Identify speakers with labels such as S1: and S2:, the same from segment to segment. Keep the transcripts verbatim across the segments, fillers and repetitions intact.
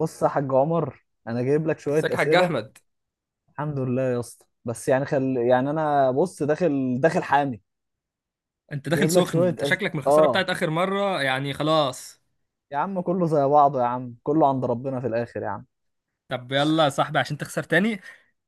S1: بص يا حاج عمر، انا جايب لك شويه
S2: ازيك يا حاج
S1: اسئله.
S2: احمد؟
S1: الحمد لله يا اسطى. بس يعني خل يعني انا بص، داخل داخل حامي.
S2: انت داخل
S1: جايب لك
S2: سخن،
S1: شويه
S2: انت
S1: أس...
S2: شكلك من الخساره
S1: اه.
S2: بتاعت اخر مره، يعني خلاص.
S1: يا عم كله زي بعضه يا عم، كله عند ربنا في الاخر يا عم.
S2: طب يلا يا صاحبي عشان تخسر تاني.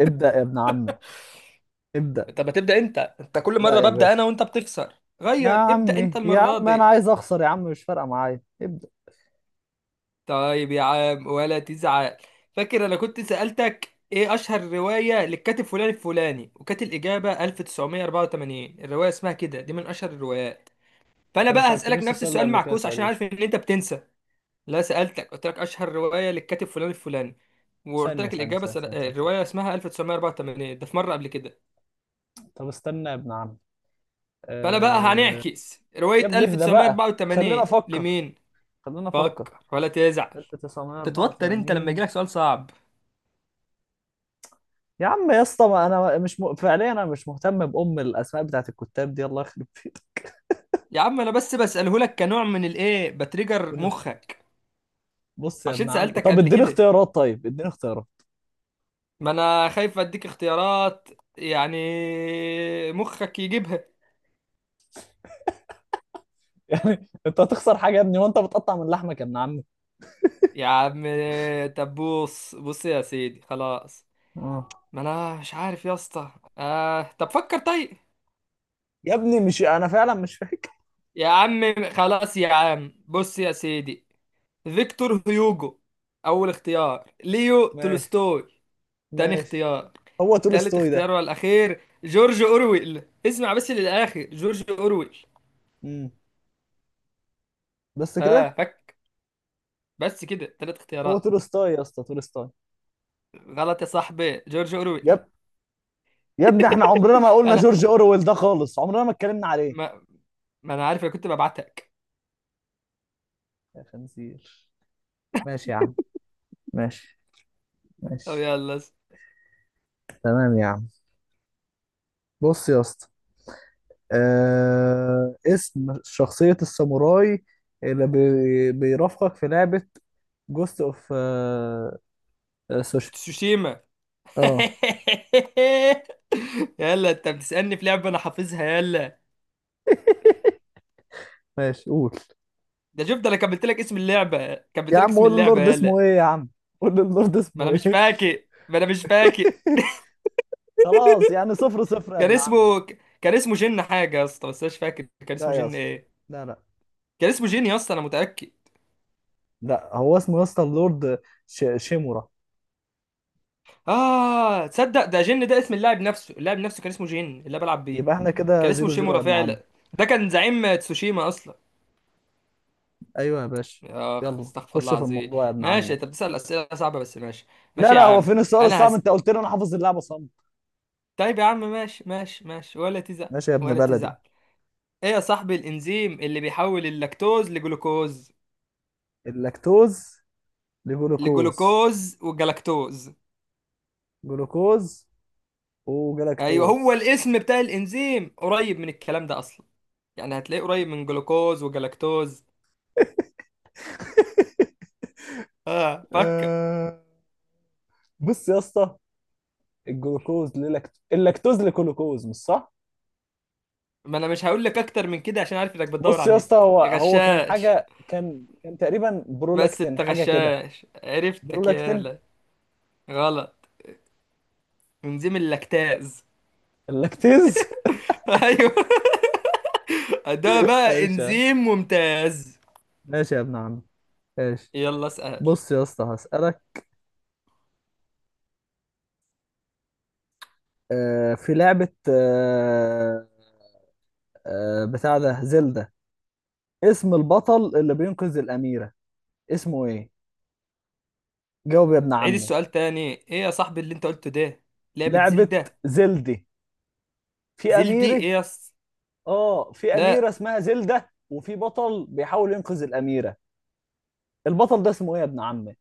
S1: ابدا يا ابن عمي، ابدا.
S2: طب هتبدا انت انت كل
S1: لا
S2: مره
S1: يا
S2: ببدا انا
S1: باشا.
S2: وانت بتخسر.
S1: يا
S2: غير ابدا انت
S1: عمي، يا
S2: المره
S1: عم انا
S2: دي.
S1: عايز اخسر يا عم، مش فارقه معايا ابدا.
S2: طيب يا عم ولا تزعل. فاكر انا كنت سالتك ايه اشهر روايه للكاتب فلان الفلاني، وكانت الاجابه ألف تسعمية أربعة وتمانين؟ الروايه اسمها كده، دي من اشهر الروايات. فانا
S1: انت ما
S2: بقى هسالك
S1: سألتنيش
S2: نفس
S1: السؤال ده
S2: السؤال
S1: قبل كده
S2: معكوس عشان
S1: تقريبا.
S2: عارف ان انت بتنسى. لا سألتك، قلت لك أشهر رواية للكاتب فلان الفلاني، وقلت
S1: ثانية
S2: لك
S1: ثانية
S2: الإجابة
S1: ثانية
S2: سنة...
S1: ثانية،
S2: آه،
S1: ثانية.
S2: الرواية اسمها ألف تسعمية أربعة وتمانين، ده في مرة قبل كده.
S1: طب استنى يا ابن عم.
S2: فأنا بقى
S1: أه...
S2: هنعكس
S1: يا
S2: رواية
S1: ابني اهدى بقى، خلينا
S2: ألف تسعمية أربعة وتمانين
S1: افكر،
S2: لمين؟
S1: خلينا افكر.
S2: فكر ولا تزعل. تتوتر أنت لما
S1: ألف وتسعمية اربعه وتمانين.
S2: يجيلك سؤال صعب.
S1: يا عم يا اسطى، ما انا مش م... فعليا انا مش مهتم بام الاسماء بتاعت الكتاب دي، الله يخرب بيتك.
S2: يا عم أنا بس بسأله لك كنوع من الإيه، بتريجر مخك.
S1: بص يا
S2: عشان
S1: ابن عم،
S2: سألتك
S1: طب
S2: قبل
S1: اديني
S2: كده.
S1: اختيارات، طيب اديني اختيارات.
S2: ما أنا خايف أديك اختيارات، يعني مخك يجيبها.
S1: يعني انت هتخسر حاجه يا ابني، وانت بتقطع من لحمك يا ابن عمي.
S2: يا عم طب بص بص يا سيدي خلاص.
S1: اه.
S2: ما انا مش عارف يا اسطى. آه طب فكر طيب.
S1: يا ابني، مش انا فعلا مش فاكر.
S2: يا عم خلاص يا عم بص يا سيدي. فيكتور هيوجو اول اختيار، ليو
S1: ماشي،
S2: تولستوي تاني
S1: ماشي.
S2: اختيار،
S1: هو
S2: تالت
S1: تولستوي ده؟
S2: اختيار والاخير جورج اورويل. اسمع بس للاخر، جورج اورويل.
S1: امم بس
S2: اه
S1: كده.
S2: فك. بس كده تلات
S1: هو
S2: اختيارات.
S1: تولستوي يا اسطى، تولستوي.
S2: غلط يا صاحبي، جورج
S1: يا
S2: اورويل.
S1: اب- يا ابني احنا عمرنا ما قلنا
S2: انا
S1: جورج اورويل ده خالص، عمرنا ما اتكلمنا عليه.
S2: ما, ما انا عارف انا كنت ببعتك.
S1: يا خنزير. ماشي يا عم، ماشي،
S2: طب
S1: ماشي.
S2: يلا.
S1: تمام يا عم. بص يا اسطى. آه اسم شخصية الساموراي اللي بي بيرافقك في لعبة جوست اوف سوشيال.
S2: فتسوشيما.
S1: اه.
S2: يلا انت بتسألني في لعبة انا حافظها، يلا.
S1: ماشي قول.
S2: ده شفت انا كملت لك اسم اللعبة،
S1: يا
S2: كملت لك
S1: عم
S2: اسم
S1: قول
S2: اللعبة،
S1: اللورد اسمه
S2: يلا.
S1: ايه يا عم، قول اللورد
S2: ما
S1: اسمه
S2: انا مش
S1: ايه؟
S2: فاكر ما انا مش فاكر.
S1: خلاص يعني صفر صفر يا
S2: كان
S1: ابن عم.
S2: اسمه، كان اسمه جن حاجة يا اسطى، بس انا مش فاكر كان
S1: لا
S2: اسمه
S1: يا
S2: جن
S1: اسطى،
S2: ايه.
S1: لا، لا.
S2: كان اسمه جن يا اسطى انا متأكد.
S1: لا، هو اسمه يا اسطى اللورد ش... شيمورا.
S2: اه تصدق ده جن ده اسم اللاعب نفسه، اللاعب نفسه كان اسمه جن اللي أنا بلعب بيه.
S1: يبقى احنا كده
S2: كان اسمه
S1: زيرو زيرو يا
S2: شيمورا
S1: ابن عم.
S2: فعلا. ده كان زعيم تسوشيما اصلا.
S1: ايوه يا باشا.
S2: اخ
S1: يلا
S2: استغفر الله
S1: خش في
S2: العظيم.
S1: الموضوع يا ابن
S2: ماشي
S1: عمي.
S2: انت بتسأل اسئلة صعبة بس ماشي.
S1: لا
S2: ماشي يا
S1: لا، هو
S2: عم.
S1: فين السؤال
S2: انا
S1: الصعب؟
S2: هسألك.
S1: انت قلت لي انا حافظ اللعبه صم.
S2: طيب يا عم ماشي ماشي ماشي ولا تزعل.
S1: ماشي يا ابن
S2: ولا
S1: بلدي.
S2: تزعل. ايه يا صاحبي الانزيم اللي بيحول اللاكتوز لجلوكوز؟
S1: اللاكتوز لجلوكوز.
S2: لجلوكوز والجلاكتوز.
S1: جلوكوز
S2: ايوه هو
S1: وجلاكتوز.
S2: الاسم بتاع الانزيم قريب من الكلام ده اصلا، يعني هتلاقيه قريب من جلوكوز وجلاكتوز. اه فكر.
S1: آه، بص يا اسطى. الجلوكوز للاكت... اللاكتوز لجلوكوز مش صح.
S2: ما انا مش هقول لك اكتر من كده عشان عارف انك بتدور
S1: بص
S2: على
S1: يا
S2: النت،
S1: اسطى، هو هو كان
S2: غشاش.
S1: حاجه، كان كان تقريبا
S2: بس
S1: برولاكتين
S2: انت
S1: حاجه كده.
S2: غشاش، عرفتك،
S1: برولاكتين.
S2: يالا. غلط. انزيم اللاكتاز.
S1: اللاكتيز.
S2: ايوه. ده بقى
S1: ماشي يا-
S2: انزيم ممتاز.
S1: ماشي يا ابن عم، ماشي.
S2: يلا اسأل.
S1: بص يا اسطى هسألك. آه، في لعبة آه، آه، بتاع ده زلدة. اسم البطل اللي بينقذ الأميرة اسمه ايه؟ جاوب يا ابن
S2: عيد
S1: عمي.
S2: السؤال تاني، ايه يا صاحبي اللي انت قلته ده؟ لعبة
S1: لعبة
S2: زلدة.
S1: زلدي. في
S2: زلدي
S1: أميرة.
S2: ايه يا اسطى؟
S1: اه، في أميرة
S2: لا.
S1: اسمها زلدة وفي بطل بيحاول ينقذ الأميرة. البطل ده اسمه ايه يا ابن عمي؟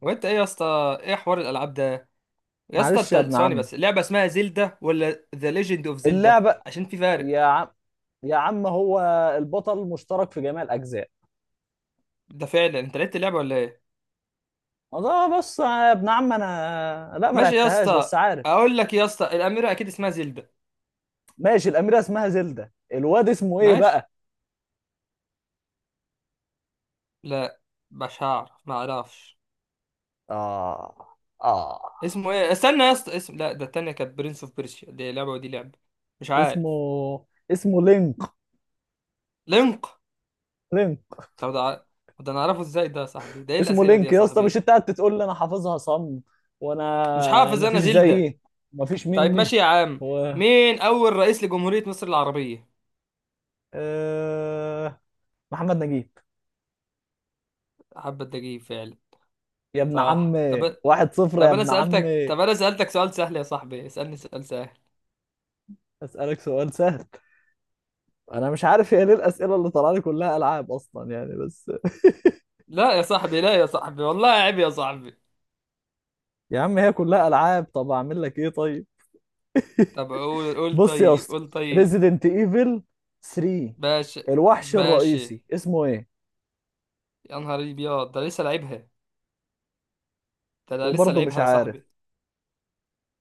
S2: وانت ايه يا اسطى، ايه حوار الالعاب ده؟ يا اسطى
S1: معلش يا
S2: انت
S1: ابن
S2: ثواني
S1: عمي.
S2: بس، اللعبة اسمها زلدة ولا ذا ليجند اوف زلدة،
S1: اللعبة.
S2: عشان في
S1: يا
S2: فرق.
S1: عم، يا عم، هو البطل مشترك في جميع الأجزاء.
S2: ده فعلا انت لعبت اللعبة ولا ايه؟
S1: اه بص يا ابن عم، انا لا ما
S2: ماشي يا
S1: لعبتهاش
S2: اسطى.
S1: بس عارف.
S2: اقول لك يا اسطى، الاميرة اكيد اسمها زلدة.
S1: ماشي، الأميرة اسمها زلدة، الواد اسمه ايه
S2: ماشي.
S1: بقى؟
S2: لا. مش هعرف ما اعرفش.
S1: اه. اه.
S2: اسمه ايه؟ استنى يا اسطى، اسم، لا ده التانية كانت برنس اوف بيرسيا، دي لعبة ودي لعبة. مش
S1: اسمه
S2: عارف.
S1: اسمه لينك.
S2: لينك.
S1: لينك.
S2: طب ده ع- ده انا اعرفه ازاي ده يا صاحبي، ده ايه
S1: اسمه
S2: الاسئلة دي
S1: لينك
S2: يا
S1: يا اسطى، مش
S2: صاحبي؟
S1: انت قاعد تقول لي انا حافظها صم؟
S2: مش
S1: وانا
S2: حافظ
S1: مفيش
S2: انا زلدة.
S1: زيي، مفيش
S2: طيب
S1: مني.
S2: ماشي يا عم.
S1: و
S2: مين اول رئيس لجمهورية مصر العربية؟
S1: آه، محمد نجيب.
S2: حبة دقيق فعلا.
S1: يا ابن
S2: صح.
S1: عمي
S2: طب.
S1: واحد صفر يا
S2: طب انا
S1: ابن
S2: سألتك،
S1: عمي.
S2: طب انا سألتك سؤال سهل يا صاحبي، اسألني سؤال سهل.
S1: اسالك سؤال سهل. انا مش عارف، هي ليه الاسئله اللي طالعه لي كلها العاب اصلا يعني، بس.
S2: لا يا صاحبي، لا يا صاحبي والله عيب يا صاحبي.
S1: يا عم هي كلها العاب، طب اعمل لك ايه طيب؟
S2: طب قول قول
S1: بص يا
S2: طيب
S1: اسطى،
S2: قول طيب.
S1: ريزيدنت ايفل تري.
S2: ماشي.
S1: الوحش
S2: ماشي.
S1: الرئيسي اسمه ايه؟
S2: يا نهار ابيض ده لسه لعبها، ده أنا لسه
S1: وبرضه مش
S2: لعبها يا
S1: عارف،
S2: صاحبي.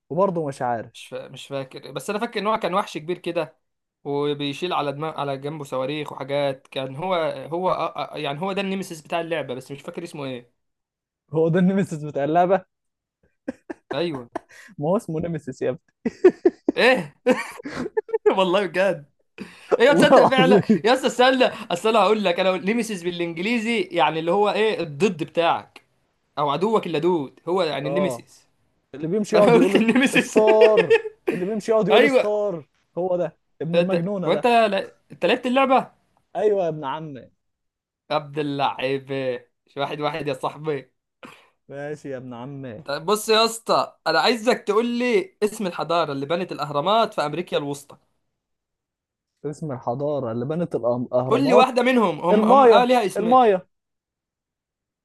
S1: وبرضه مش عارف.
S2: مش فا... مش فاكر، بس انا فاكر ان هو كان وحش كبير كده، وبيشيل على دماغ على جنبه صواريخ وحاجات، كان هو، هو آه، آه، يعني هو ده النيمسيس بتاع اللعبه، بس مش فاكر اسمه ايه.
S1: هو ده النمسيس بتاع اللعبه.
S2: ايوه.
S1: ما هو اسمه نمسيس يا ابني.
S2: ايه؟ والله بجد. ايوه
S1: والله
S2: تصدق فعلا
S1: العظيم.
S2: يا اسطى، استنى اصل انا هقول لك، انا نيمسيس بالانجليزي يعني اللي هو ايه، الضد بتاعك او عدوك اللدود، هو يعني
S1: اه،
S2: النيمسيس.
S1: اللي بيمشي
S2: فانا
S1: يقعد
S2: قلت
S1: يقول
S2: النيمسيس.
S1: ستار. اللي بيمشي يقعد يقول
S2: ايوه.
S1: ستار. هو ده ابن
S2: انت
S1: المجنونة
S2: وانت
S1: ده.
S2: لا- انت لعبت اللعبه.
S1: ايوه يا ابن عمي.
S2: عبد اللعيب. مش واحد واحد يا صاحبي.
S1: ماشي يا ابن عمي.
S2: طيب بص يا اسطى، انا عايزك تقول لي اسم الحضاره اللي بنت الاهرامات في امريكا الوسطى.
S1: اسم الحضارة اللي بنت الأم-
S2: قول لي
S1: الأهرامات.
S2: واحده منهم، هم هم
S1: المايا،
S2: اه ليها اسمين.
S1: المايا.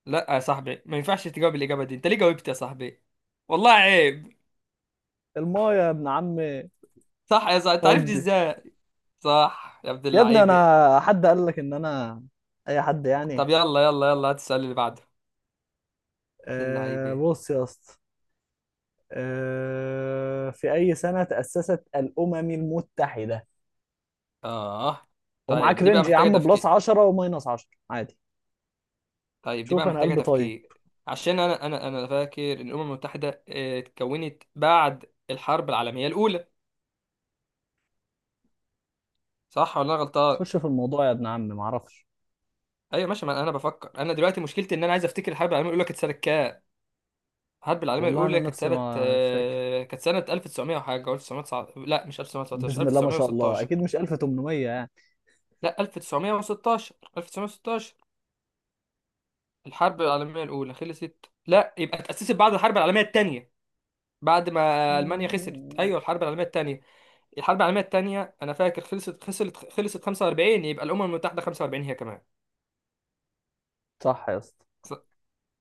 S2: لا يا صاحبي، ما ينفعش تجاوب الاجابه دي، انت ليه جاوبت يا صاحبي؟ والله عيب.
S1: المايا يا ابن عمي.
S2: صح يا صاحبي، انت عرفت
S1: ودي.
S2: ازاي؟ صح يا ابن
S1: يا ابني،
S2: اللعيبه.
S1: انا حد قال لك ان انا؟ اي حد
S2: طب
S1: يعني.
S2: يلا يلا يلا هات السؤال اللي بعده. ابن
S1: أه
S2: اللعيبه.
S1: بص يا اسطى. أه في اي سنة تأسست الأمم المتحدة؟
S2: اه
S1: ومعاك
S2: طيب دي بقى
S1: رينج يا
S2: محتاجه
S1: عم، بلس
S2: تفكير.
S1: عشرة وماينس عشرة عادي.
S2: طيب دي
S1: شوف
S2: بقى
S1: انا
S2: محتاجه
S1: قلبي طيب.
S2: تفكير. عشان انا انا انا فاكر ان الامم المتحده آه، اتكونت بعد الحرب العالميه الاولى، صح ولا انا غلطان؟
S1: خش في الموضوع يا ابن عم، ما اعرفش.
S2: ايوه ماشي ما انا بفكر، انا دلوقتي مشكلتي ان انا عايز افتكر الحرب العالميه الاولى كانت سنه كام. الحرب العالميه
S1: والله انا
S2: الاولى كانت
S1: نفسي
S2: سنه
S1: ما مش فاكر.
S2: آه، كانت سنه ألف وتسعمية وحاجه، ألف وتسعمية لا، مش ألف تسعمية تسعتاشر،
S1: بسم الله ما شاء الله،
S2: ألف تسعمية ستاشر.
S1: اكيد مش ألف وتمنمية يعني.
S2: لا ألف تسعمية ستاشر، ألف تسعمية ستاشر. الحرب العالميه الاولى خلصت، لا يبقى اتاسست بعد الحرب العالميه الثانيه، بعد ما المانيا خسرت، ايوه الحرب العالميه الثانيه. الحرب العالميه الثانيه انا فاكر خلصت خسرت خلصت خمسة وأربعين، يبقى الامم المتحده خمسة وأربعين هي كمان.
S1: صح يا اسطى.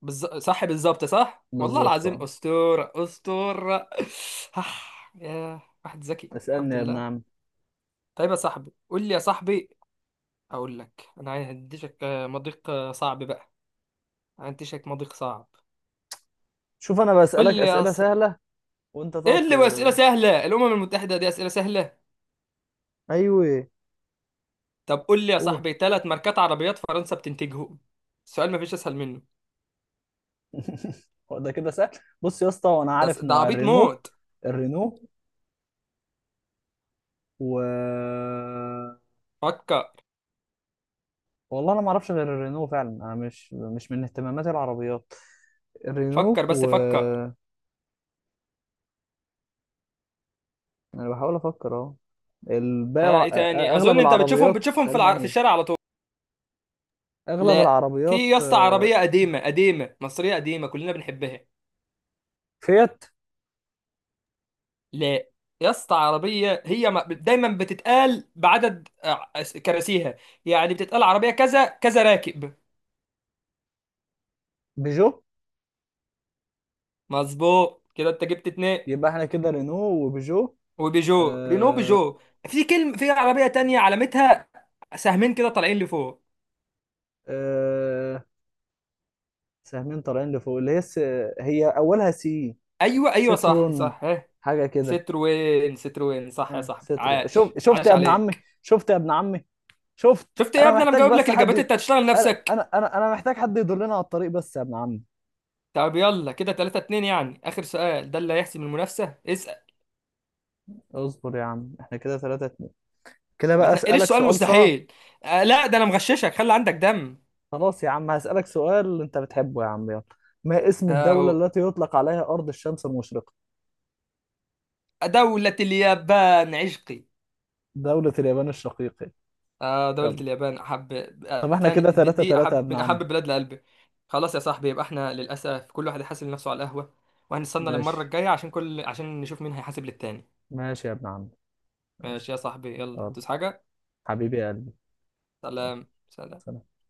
S2: بالز... صح، بالظبط، صح والله
S1: بالظبط
S2: العظيم،
S1: اه.
S2: أسطورة أسطورة. آه، يا واحد ذكي
S1: اسالني
S2: الحمد
S1: يا ابن
S2: لله.
S1: عم.
S2: طيب يا صاحبي، قول لي يا صاحبي، أقول لك أنا هديشك آه، مضيق آه، صعب بقى. هديشك مضيق صعب.
S1: شوف انا بسالك
S2: قول لي يا
S1: اسئله
S2: ص...
S1: سهله، وانت
S2: إيه
S1: تقعد
S2: اللي أسئلة
S1: ت-
S2: سهلة، الأمم المتحدة دي أسئلة سهلة؟
S1: ايوه.
S2: طب قول لي يا
S1: اوه.
S2: صاحبي، ثلاث ماركات عربيات فرنسا بتنتجهم. السؤال مفيش أسهل منه.
S1: هو ده كده سهل؟ بص يا اسطى، وانا
S2: ده
S1: عارف
S2: ده
S1: نوع
S2: عبيط
S1: الرينو.
S2: موت.
S1: الرينو و.
S2: فكر.
S1: والله انا ما اعرفش غير الرينو فعلا، انا مش مش من اهتماماتي العربيات.
S2: فكر
S1: الرينو
S2: بس
S1: و.
S2: فكر.
S1: انا بحاول افكر اهو. الباقي
S2: ها
S1: الع...
S2: إيه تاني،
S1: اغلب
S2: أظن أنت بتشوفهم
S1: العربيات
S2: بتشوفهم في الع... في
S1: المانيا.
S2: الشارع على طول.
S1: اغلب
S2: لا. في
S1: العربيات
S2: يا اسطى
S1: آه،
S2: عربية قديمة قديمة مصرية قديمة كلنا بنحبها.
S1: فيات.
S2: لا يا اسطى عربية، هي ما- دايما بتتقال بعدد آه، كراسيها، يعني بتتقال عربية كذا كذا راكب.
S1: بيجو.
S2: مظبوط كده انت جبت اتنين.
S1: يبقى احنا كده رينو وبيجو.
S2: وبيجو، رينو
S1: آه،
S2: بيجو. في كلمة في عربية تانية، علامتها سهمين كده طالعين لفوق.
S1: آه، سهمين طالعين لفوق، اللي هي س... هي اولها سي.
S2: ايوه ايوه صح
S1: سترون
S2: صح ها.
S1: حاجه كده.
S2: ستروين ستروين صح يا
S1: اه
S2: صاحبي،
S1: سترون.
S2: عاش
S1: شوف، شفت
S2: عاش
S1: يا ابن عمي،
S2: عليك.
S1: شفت يا ابن عمي، شفت.
S2: شفت ايه يا
S1: انا
S2: ابني، انا
S1: محتاج
S2: مجاوب لك
S1: بس حد
S2: الاجابات
S1: ي-
S2: انت هتشتغل
S1: انا
S2: نفسك.
S1: انا انا أنا محتاج حد يدلنا على الطريق بس يا ابن عمي.
S2: طب يلا كده تلاتة اتنين، يعني اخر سؤال ده اللي هيحسم المنافسه، اسال.
S1: اصبر يا عم، احنا كده ثلاثة. كده
S2: ما
S1: بقى
S2: تنقليش
S1: أسألك
S2: سؤال
S1: سؤال صعب.
S2: مستحيل. آه لا ده انا مغششك، خلي عندك دم.
S1: خلاص يا عم، هسألك سؤال أنت بتحبه يا عم، يلا. ما اسم الدولة
S2: آه
S1: التي يطلق عليها أرض الشمس المشرقة؟
S2: دولة اليابان عشقي.
S1: دولة اليابان الشقيقة.
S2: آه دولة
S1: يلا.
S2: اليابان احب. آه
S1: طب احنا
S2: تاني
S1: كده
S2: دي,
S1: تلاتة
S2: دي
S1: تلاتة يا
S2: احب
S1: ابن
S2: من
S1: عم.
S2: احب البلاد لقلبي. خلاص يا صاحبي، يبقى احنا للاسف كل واحد يحاسب نفسه على القهوه، وهنستنى للمره
S1: ماشي،
S2: الجايه عشان كل عشان نشوف مين هيحاسب للتاني.
S1: ماشي يا ابن عم،
S2: ماشي
S1: ماشي.
S2: يا صاحبي، يلا
S1: يلا.
S2: هتوس حاجه.
S1: حبيبي يا قلبي. يلا.
S2: سلام سلام.
S1: سلام.